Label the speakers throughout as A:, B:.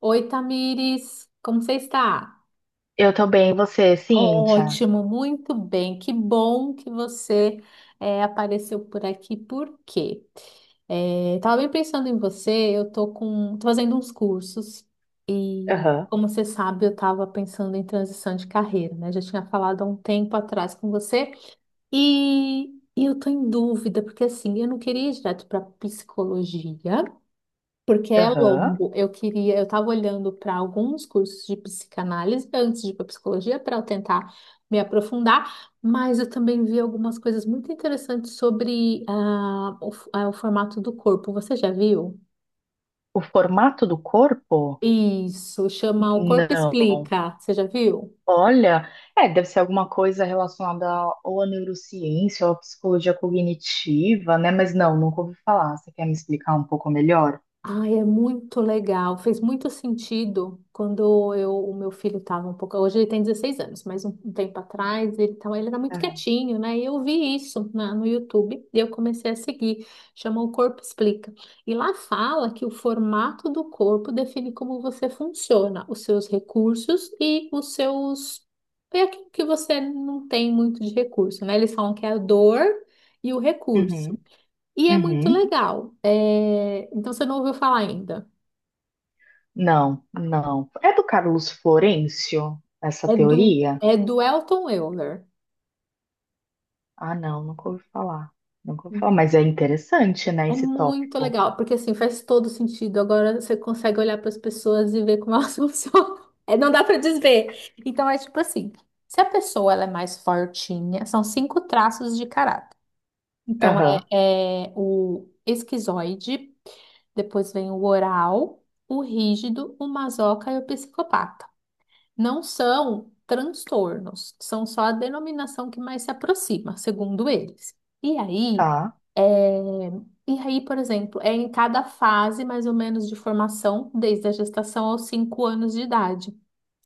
A: Oi, Tamires, como você está?
B: Eu também, você, Cíntia.
A: Ótimo, muito bem. Que bom que você apareceu por aqui. Por quê? Tava bem pensando em você. Tô fazendo uns cursos e, como você sabe, eu estava pensando em transição de carreira, né? Já tinha falado há um tempo atrás com você e, e eu tô em dúvida porque assim, eu não queria ir direto para psicologia. Porque é
B: Aham.
A: longo. Eu estava olhando para alguns cursos de psicanálise antes de ir para psicologia para eu tentar me aprofundar, mas eu também vi algumas coisas muito interessantes sobre o formato do corpo. Você já viu?
B: O formato do corpo?
A: Isso, chama O Corpo
B: Não.
A: Explica. Você já viu?
B: Olha, deve ser alguma coisa relacionada ou à neurociência ou à psicologia cognitiva, né? Mas não, nunca ouvi falar. Você quer me explicar um pouco melhor?
A: Ai, é muito legal. Fez muito sentido quando o meu filho estava um pouco. Hoje ele tem 16 anos, mas um tempo atrás ele era muito
B: Aham.
A: quietinho, né? E eu vi isso no YouTube e eu comecei a seguir. Chama O Corpo Explica. E lá fala que o formato do corpo define como você funciona, os seus recursos e os seus. É aquilo que você não tem muito de recurso, né? Eles falam que é a dor e o recurso.
B: Uhum.
A: E é muito
B: Uhum.
A: legal. Então você não ouviu falar ainda.
B: Não, não. É do Carlos Florencio, essa
A: É do,
B: teoria?
A: é do Elton Euler.
B: Ah, não, nunca ouvi falar. Nunca ouvi falar, mas é interessante, né,
A: É
B: esse
A: muito
B: tópico.
A: legal, porque assim faz todo sentido. Agora você consegue olhar para as pessoas e ver como elas funcionam. É, não dá para desver. Então é tipo assim: se a pessoa ela é mais fortinha, são cinco traços de caráter. Então
B: Aham.
A: é o esquizoide, depois vem o oral, o rígido, o masoca e o psicopata. Não são transtornos, são só a denominação que mais se aproxima, segundo eles. E aí,
B: Tá.
A: é, por exemplo, em cada fase mais ou menos de formação, desde a gestação aos 5 anos de idade.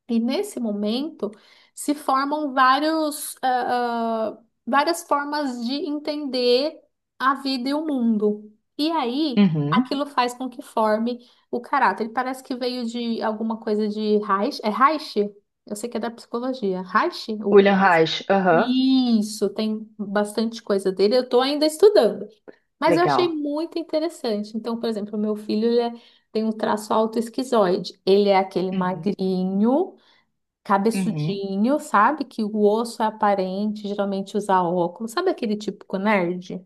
A: E nesse momento se formam várias formas de entender a vida e o mundo. E aí,
B: Uhum.
A: aquilo faz com que forme o caráter. Ele parece que veio de alguma coisa de Reich. É Reich? Eu sei que é da psicologia. Reich?
B: William Reich, aham.
A: Isso, tem bastante coisa dele. Eu estou ainda estudando. Mas eu achei
B: Legal.
A: muito interessante. Então, por exemplo, o meu filho tem um traço autoesquizoide. Ele é aquele
B: Uhum,
A: magrinho
B: uhum.
A: cabeçudinho, sabe? Que o osso é aparente, geralmente usa óculos. Sabe aquele típico nerd?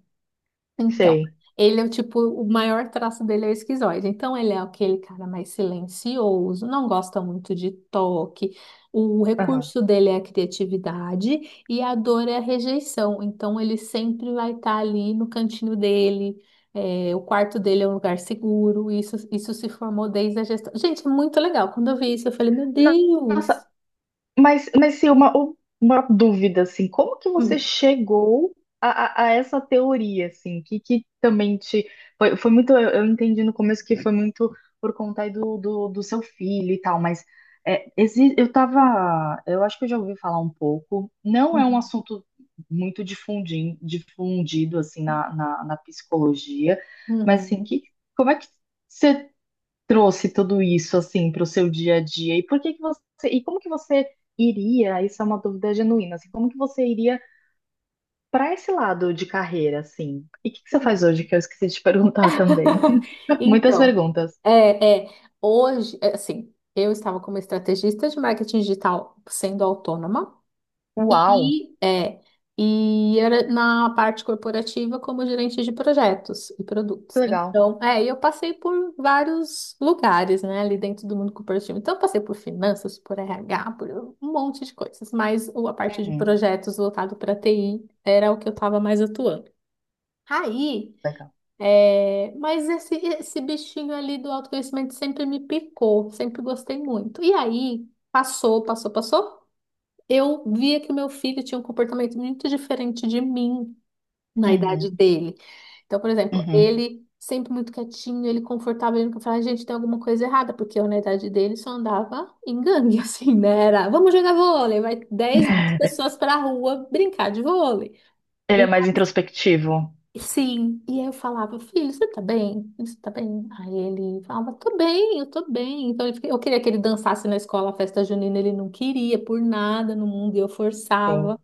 A: Então,
B: Sei.
A: ele é o tipo, o maior traço dele é o esquizoide. Então, ele é aquele cara mais silencioso, não gosta muito de toque. O
B: Aham.
A: recurso dele é a criatividade e a dor é a rejeição. Então, ele sempre vai estar ali no cantinho dele. O quarto dele é um lugar seguro. Isso se formou desde a gestão. Gente, é muito legal. Quando eu vi isso, eu falei, meu
B: No- Nossa,
A: Deus.
B: mas sim, uma dúvida, assim, como que você chegou a essa teoria, assim, que também te... Foi, eu entendi no começo que foi muito por conta aí do seu filho e tal, mas eu tava, eu acho que eu já ouvi falar um pouco, não é um
A: Uhum.
B: assunto muito difundido, difundido assim, na psicologia, mas, assim,
A: Uhum.
B: que, como é que... Você trouxe tudo isso assim para o seu dia a dia? E por que que você e como que você iria? Isso é uma dúvida genuína, assim, como que você iria para esse lado de carreira assim? E o que que você faz
A: Sim.
B: hoje que eu esqueci de perguntar também? Muitas
A: Então,
B: perguntas.
A: é, é, hoje, assim, eu estava como estrategista de marketing digital sendo autônoma
B: Uau,
A: e, é, e era na parte corporativa como gerente de projetos e
B: que
A: produtos.
B: legal.
A: Então, e eu passei por vários lugares, né, ali dentro do mundo corporativo. Então, eu passei por finanças, por RH, por um monte de coisas, mas a parte de
B: Uhum,
A: projetos voltado para TI era o que eu estava mais atuando. Aí,
B: legal.
A: Mas esse bichinho ali do autoconhecimento sempre me picou, sempre gostei muito. E aí, passou, passou, passou. Eu via que o meu filho tinha um comportamento muito diferente de mim na idade
B: Uhum,
A: dele. Então, por exemplo,
B: uhum.
A: ele sempre muito quietinho, ele confortável, ele nunca falava, gente, tem alguma coisa errada, porque eu na idade dele só andava em gangue, assim, né? Era, vamos jogar vôlei, vai 10 20 pessoas pra rua brincar de vôlei.
B: Ele é
A: Então,
B: mais introspectivo.
A: sim, e aí eu falava, filho, você tá bem? Você tá bem? Aí ele falava, tô bem, eu tô bem. Então eu queria que ele dançasse na escola a festa junina, ele não queria por nada no mundo e eu
B: Sim,
A: forçava.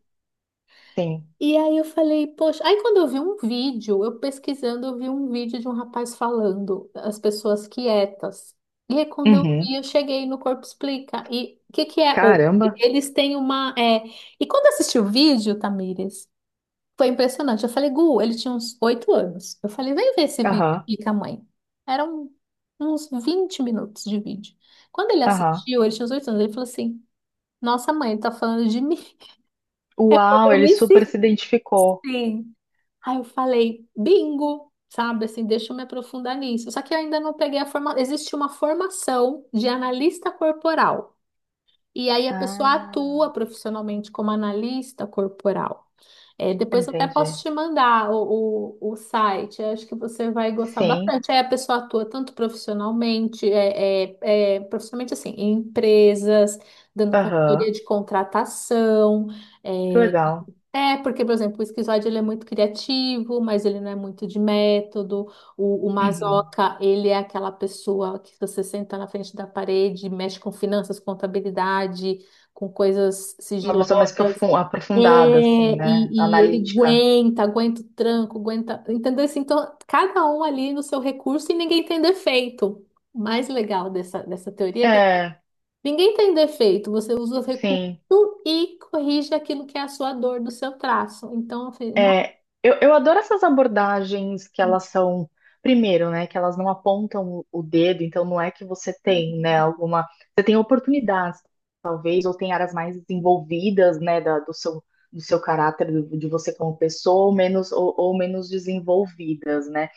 B: sim.
A: E aí eu falei, poxa, aí quando eu vi um vídeo, eu pesquisando, eu vi um vídeo de um rapaz falando, as pessoas quietas. E aí quando eu
B: Uhum.
A: vi, eu cheguei no Corpo Explica. E o que que é hoje?
B: Caramba.
A: Eles têm uma. E quando eu assisti o vídeo, Tamires, foi impressionante. Eu falei, Gu, ele tinha uns 8 anos. Eu falei, vem ver esse vídeo
B: Aham,
A: aqui com a mãe. Eram uns 20 minutos de vídeo. Quando ele
B: aham.
A: assistiu, ele tinha uns 8 anos, ele falou assim: Nossa, mãe, tá falando de mim.
B: Uau,
A: Eu
B: ele
A: me
B: super
A: senti
B: se identificou.
A: assim. Aí eu falei, bingo, sabe? Assim, deixa eu me aprofundar nisso. Só que eu ainda não peguei a forma. Existe uma formação de analista corporal. E aí a pessoa
B: Ah,
A: atua profissionalmente como analista corporal. É, depois eu até
B: entendi.
A: posso te mandar o site, eu acho que você vai gostar
B: Sim.
A: bastante. Aí a pessoa atua tanto profissionalmente, profissionalmente assim, em empresas, dando consultoria
B: Aham.
A: de contratação,
B: Que
A: é,
B: legal.
A: porque, por exemplo, o esquizoide ele é muito criativo, mas ele não é muito de método. O
B: Uhum.
A: masoca, ele é aquela pessoa que você senta na frente da parede, mexe com finanças, contabilidade, com coisas
B: Uma pessoa mais
A: sigilosas. É,
B: aprofundada, assim, né?
A: e ele
B: Analítica.
A: aguenta, aguenta o tranco, aguenta. Entendeu? Assim, então, cada um ali no seu recurso e ninguém tem defeito. O mais legal dessa teoria é que
B: É,
A: ninguém tem defeito, você usa os recursos
B: sim.
A: e corrige aquilo que é a sua dor do seu traço. Então, eu falei, não.
B: É, eu adoro essas abordagens que elas são, primeiro, né? Que elas não apontam o dedo, então não é que você tem, né, alguma. Você tem oportunidades, talvez, ou tem áreas mais desenvolvidas, né, do seu caráter, de você como pessoa, ou menos desenvolvidas, né?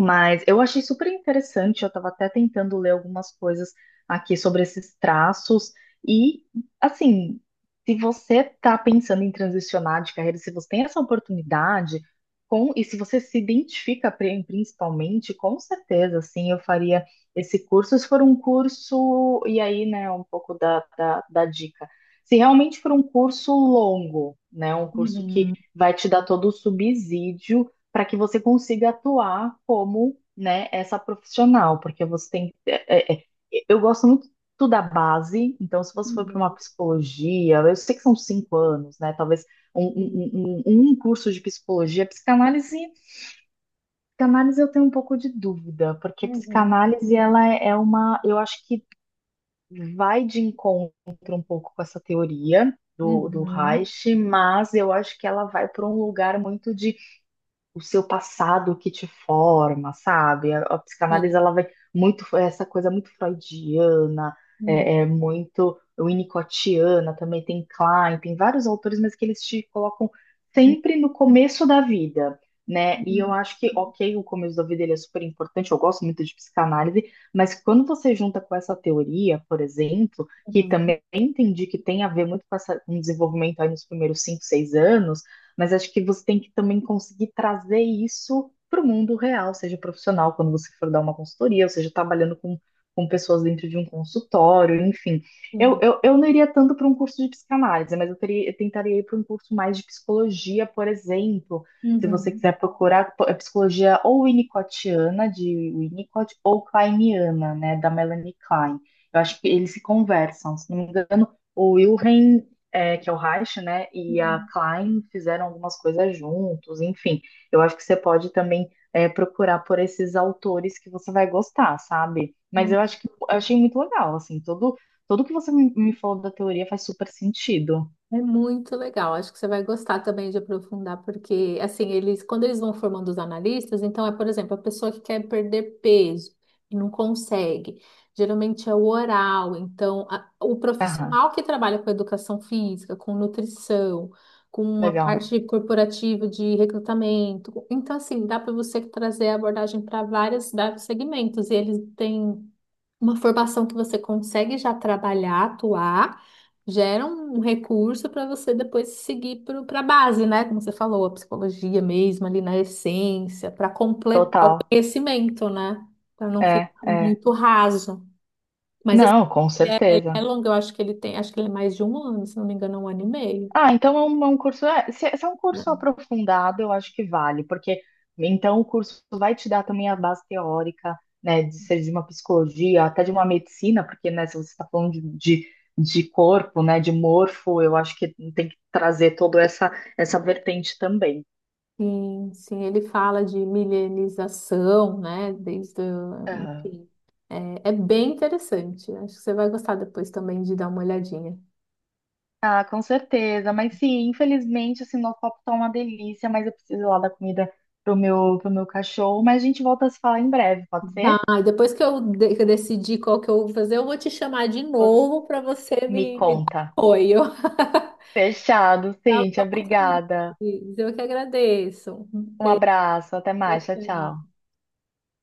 B: Mas eu achei super interessante, eu estava até tentando ler algumas coisas aqui sobre esses traços. E, assim, se você está pensando em transicionar de carreira, se você tem essa oportunidade, com, e se você se identifica principalmente, com certeza, assim, eu faria esse curso. Se for um curso, e aí, né, um pouco da dica. Se realmente for um curso longo, né, um curso que
A: Uhum,
B: vai te dar todo o subsídio para que você consiga atuar como, né, essa profissional, porque você tem. Eu gosto muito da base, então se você for para
A: uhum,
B: uma psicologia, eu sei que são 5 anos, né? Talvez um,
A: uhum,
B: um, um, um um curso de psicologia, psicanálise, psicanálise eu tenho um pouco de dúvida, porque
A: uhum,
B: psicanálise ela é uma, eu acho que vai de encontro um pouco com essa teoria do
A: uhum,
B: Reich, mas eu acho que ela vai para um lugar muito de o seu passado que te forma, sabe? A psicanálise ela vai muito é essa coisa muito freudiana,
A: uhum,
B: é muito winnicottiana também tem Klein, tem vários autores, mas que eles te colocam sempre no começo da vida. Né? E eu
A: uhum,
B: acho que, ok, o começo da vida ele é super importante, eu gosto muito de psicanálise, mas quando você junta com essa teoria, por exemplo, que
A: uhum,
B: também entendi que tem a ver muito com, essa, com o desenvolvimento aí nos primeiros 5, 6 anos, mas acho que você tem que também conseguir trazer isso para o mundo real, seja profissional, quando você for dar uma consultoria, ou seja, trabalhando com pessoas dentro de um consultório, enfim. Eu,
A: sim,
B: eu, eu não iria tanto para um curso de psicanálise, mas eu, teria, eu tentaria ir para um curso mais de psicologia, por exemplo. Se você
A: uhum,
B: quiser procurar é psicologia ou winnicottiana, de Winnicott, ou kleiniana, né, da Melanie Klein. Eu acho que eles se conversam, se não me engano, o Wilhelm é, que é o Reich, né, e a Klein fizeram algumas coisas juntos, enfim. Eu acho que você pode também é, procurar por esses autores que você vai gostar, sabe? Mas eu
A: uhum.
B: acho que eu achei muito legal, assim, todo, tudo que você me, me falou da teoria faz super sentido.
A: É muito legal, acho que você vai gostar também de aprofundar, porque assim, quando eles vão formando os analistas, então por exemplo, a pessoa que quer perder peso e não consegue, geralmente é o oral, então o
B: Aham,
A: profissional que trabalha com educação física, com nutrição, com a
B: legal.
A: parte corporativa de recrutamento, então assim, dá para você trazer a abordagem para vários, vários segmentos, e eles têm uma formação que você consegue já trabalhar, atuar, gera um recurso para você depois seguir para a base, né? Como você falou, a psicologia mesmo, ali na essência, para completar o
B: Total.
A: conhecimento, né? Para não
B: É,
A: ficar
B: é.
A: muito raso. Mas esse
B: Não, com
A: ele é
B: certeza.
A: longo, eu acho que ele tem, acho que ele é mais de um ano, se não me engano, é um ano e meio.
B: Ah, então é um curso. Se, se é um
A: Né?
B: curso aprofundado, eu acho que vale, porque então o curso vai te dar também a base teórica, né, de ser de uma psicologia, até de uma medicina, porque, né, se você está falando de corpo, né, de morfo, eu acho que tem que trazer toda essa, essa vertente também.
A: Sim, sim, ele fala de milenização, né? Desde,
B: Aham.
A: enfim, é bem interessante. Acho que você vai gostar depois também de dar uma olhadinha.
B: Ah, com certeza. Mas sim, infelizmente, assim, nosso papo tá uma delícia, mas eu preciso ir lá da comida pro meu cachorro. Mas a gente volta a se falar em breve, pode ser?
A: Vai, depois que eu decidir qual que eu vou fazer, eu vou te chamar de
B: Você
A: novo para você
B: me
A: me dar
B: conta.
A: apoio.
B: Fechado,
A: Tá,
B: Cíntia. Obrigada.
A: Luiz? Eu que agradeço.
B: Um abraço. Até
A: Tchau,
B: mais. Tchau, tchau.
A: tchau.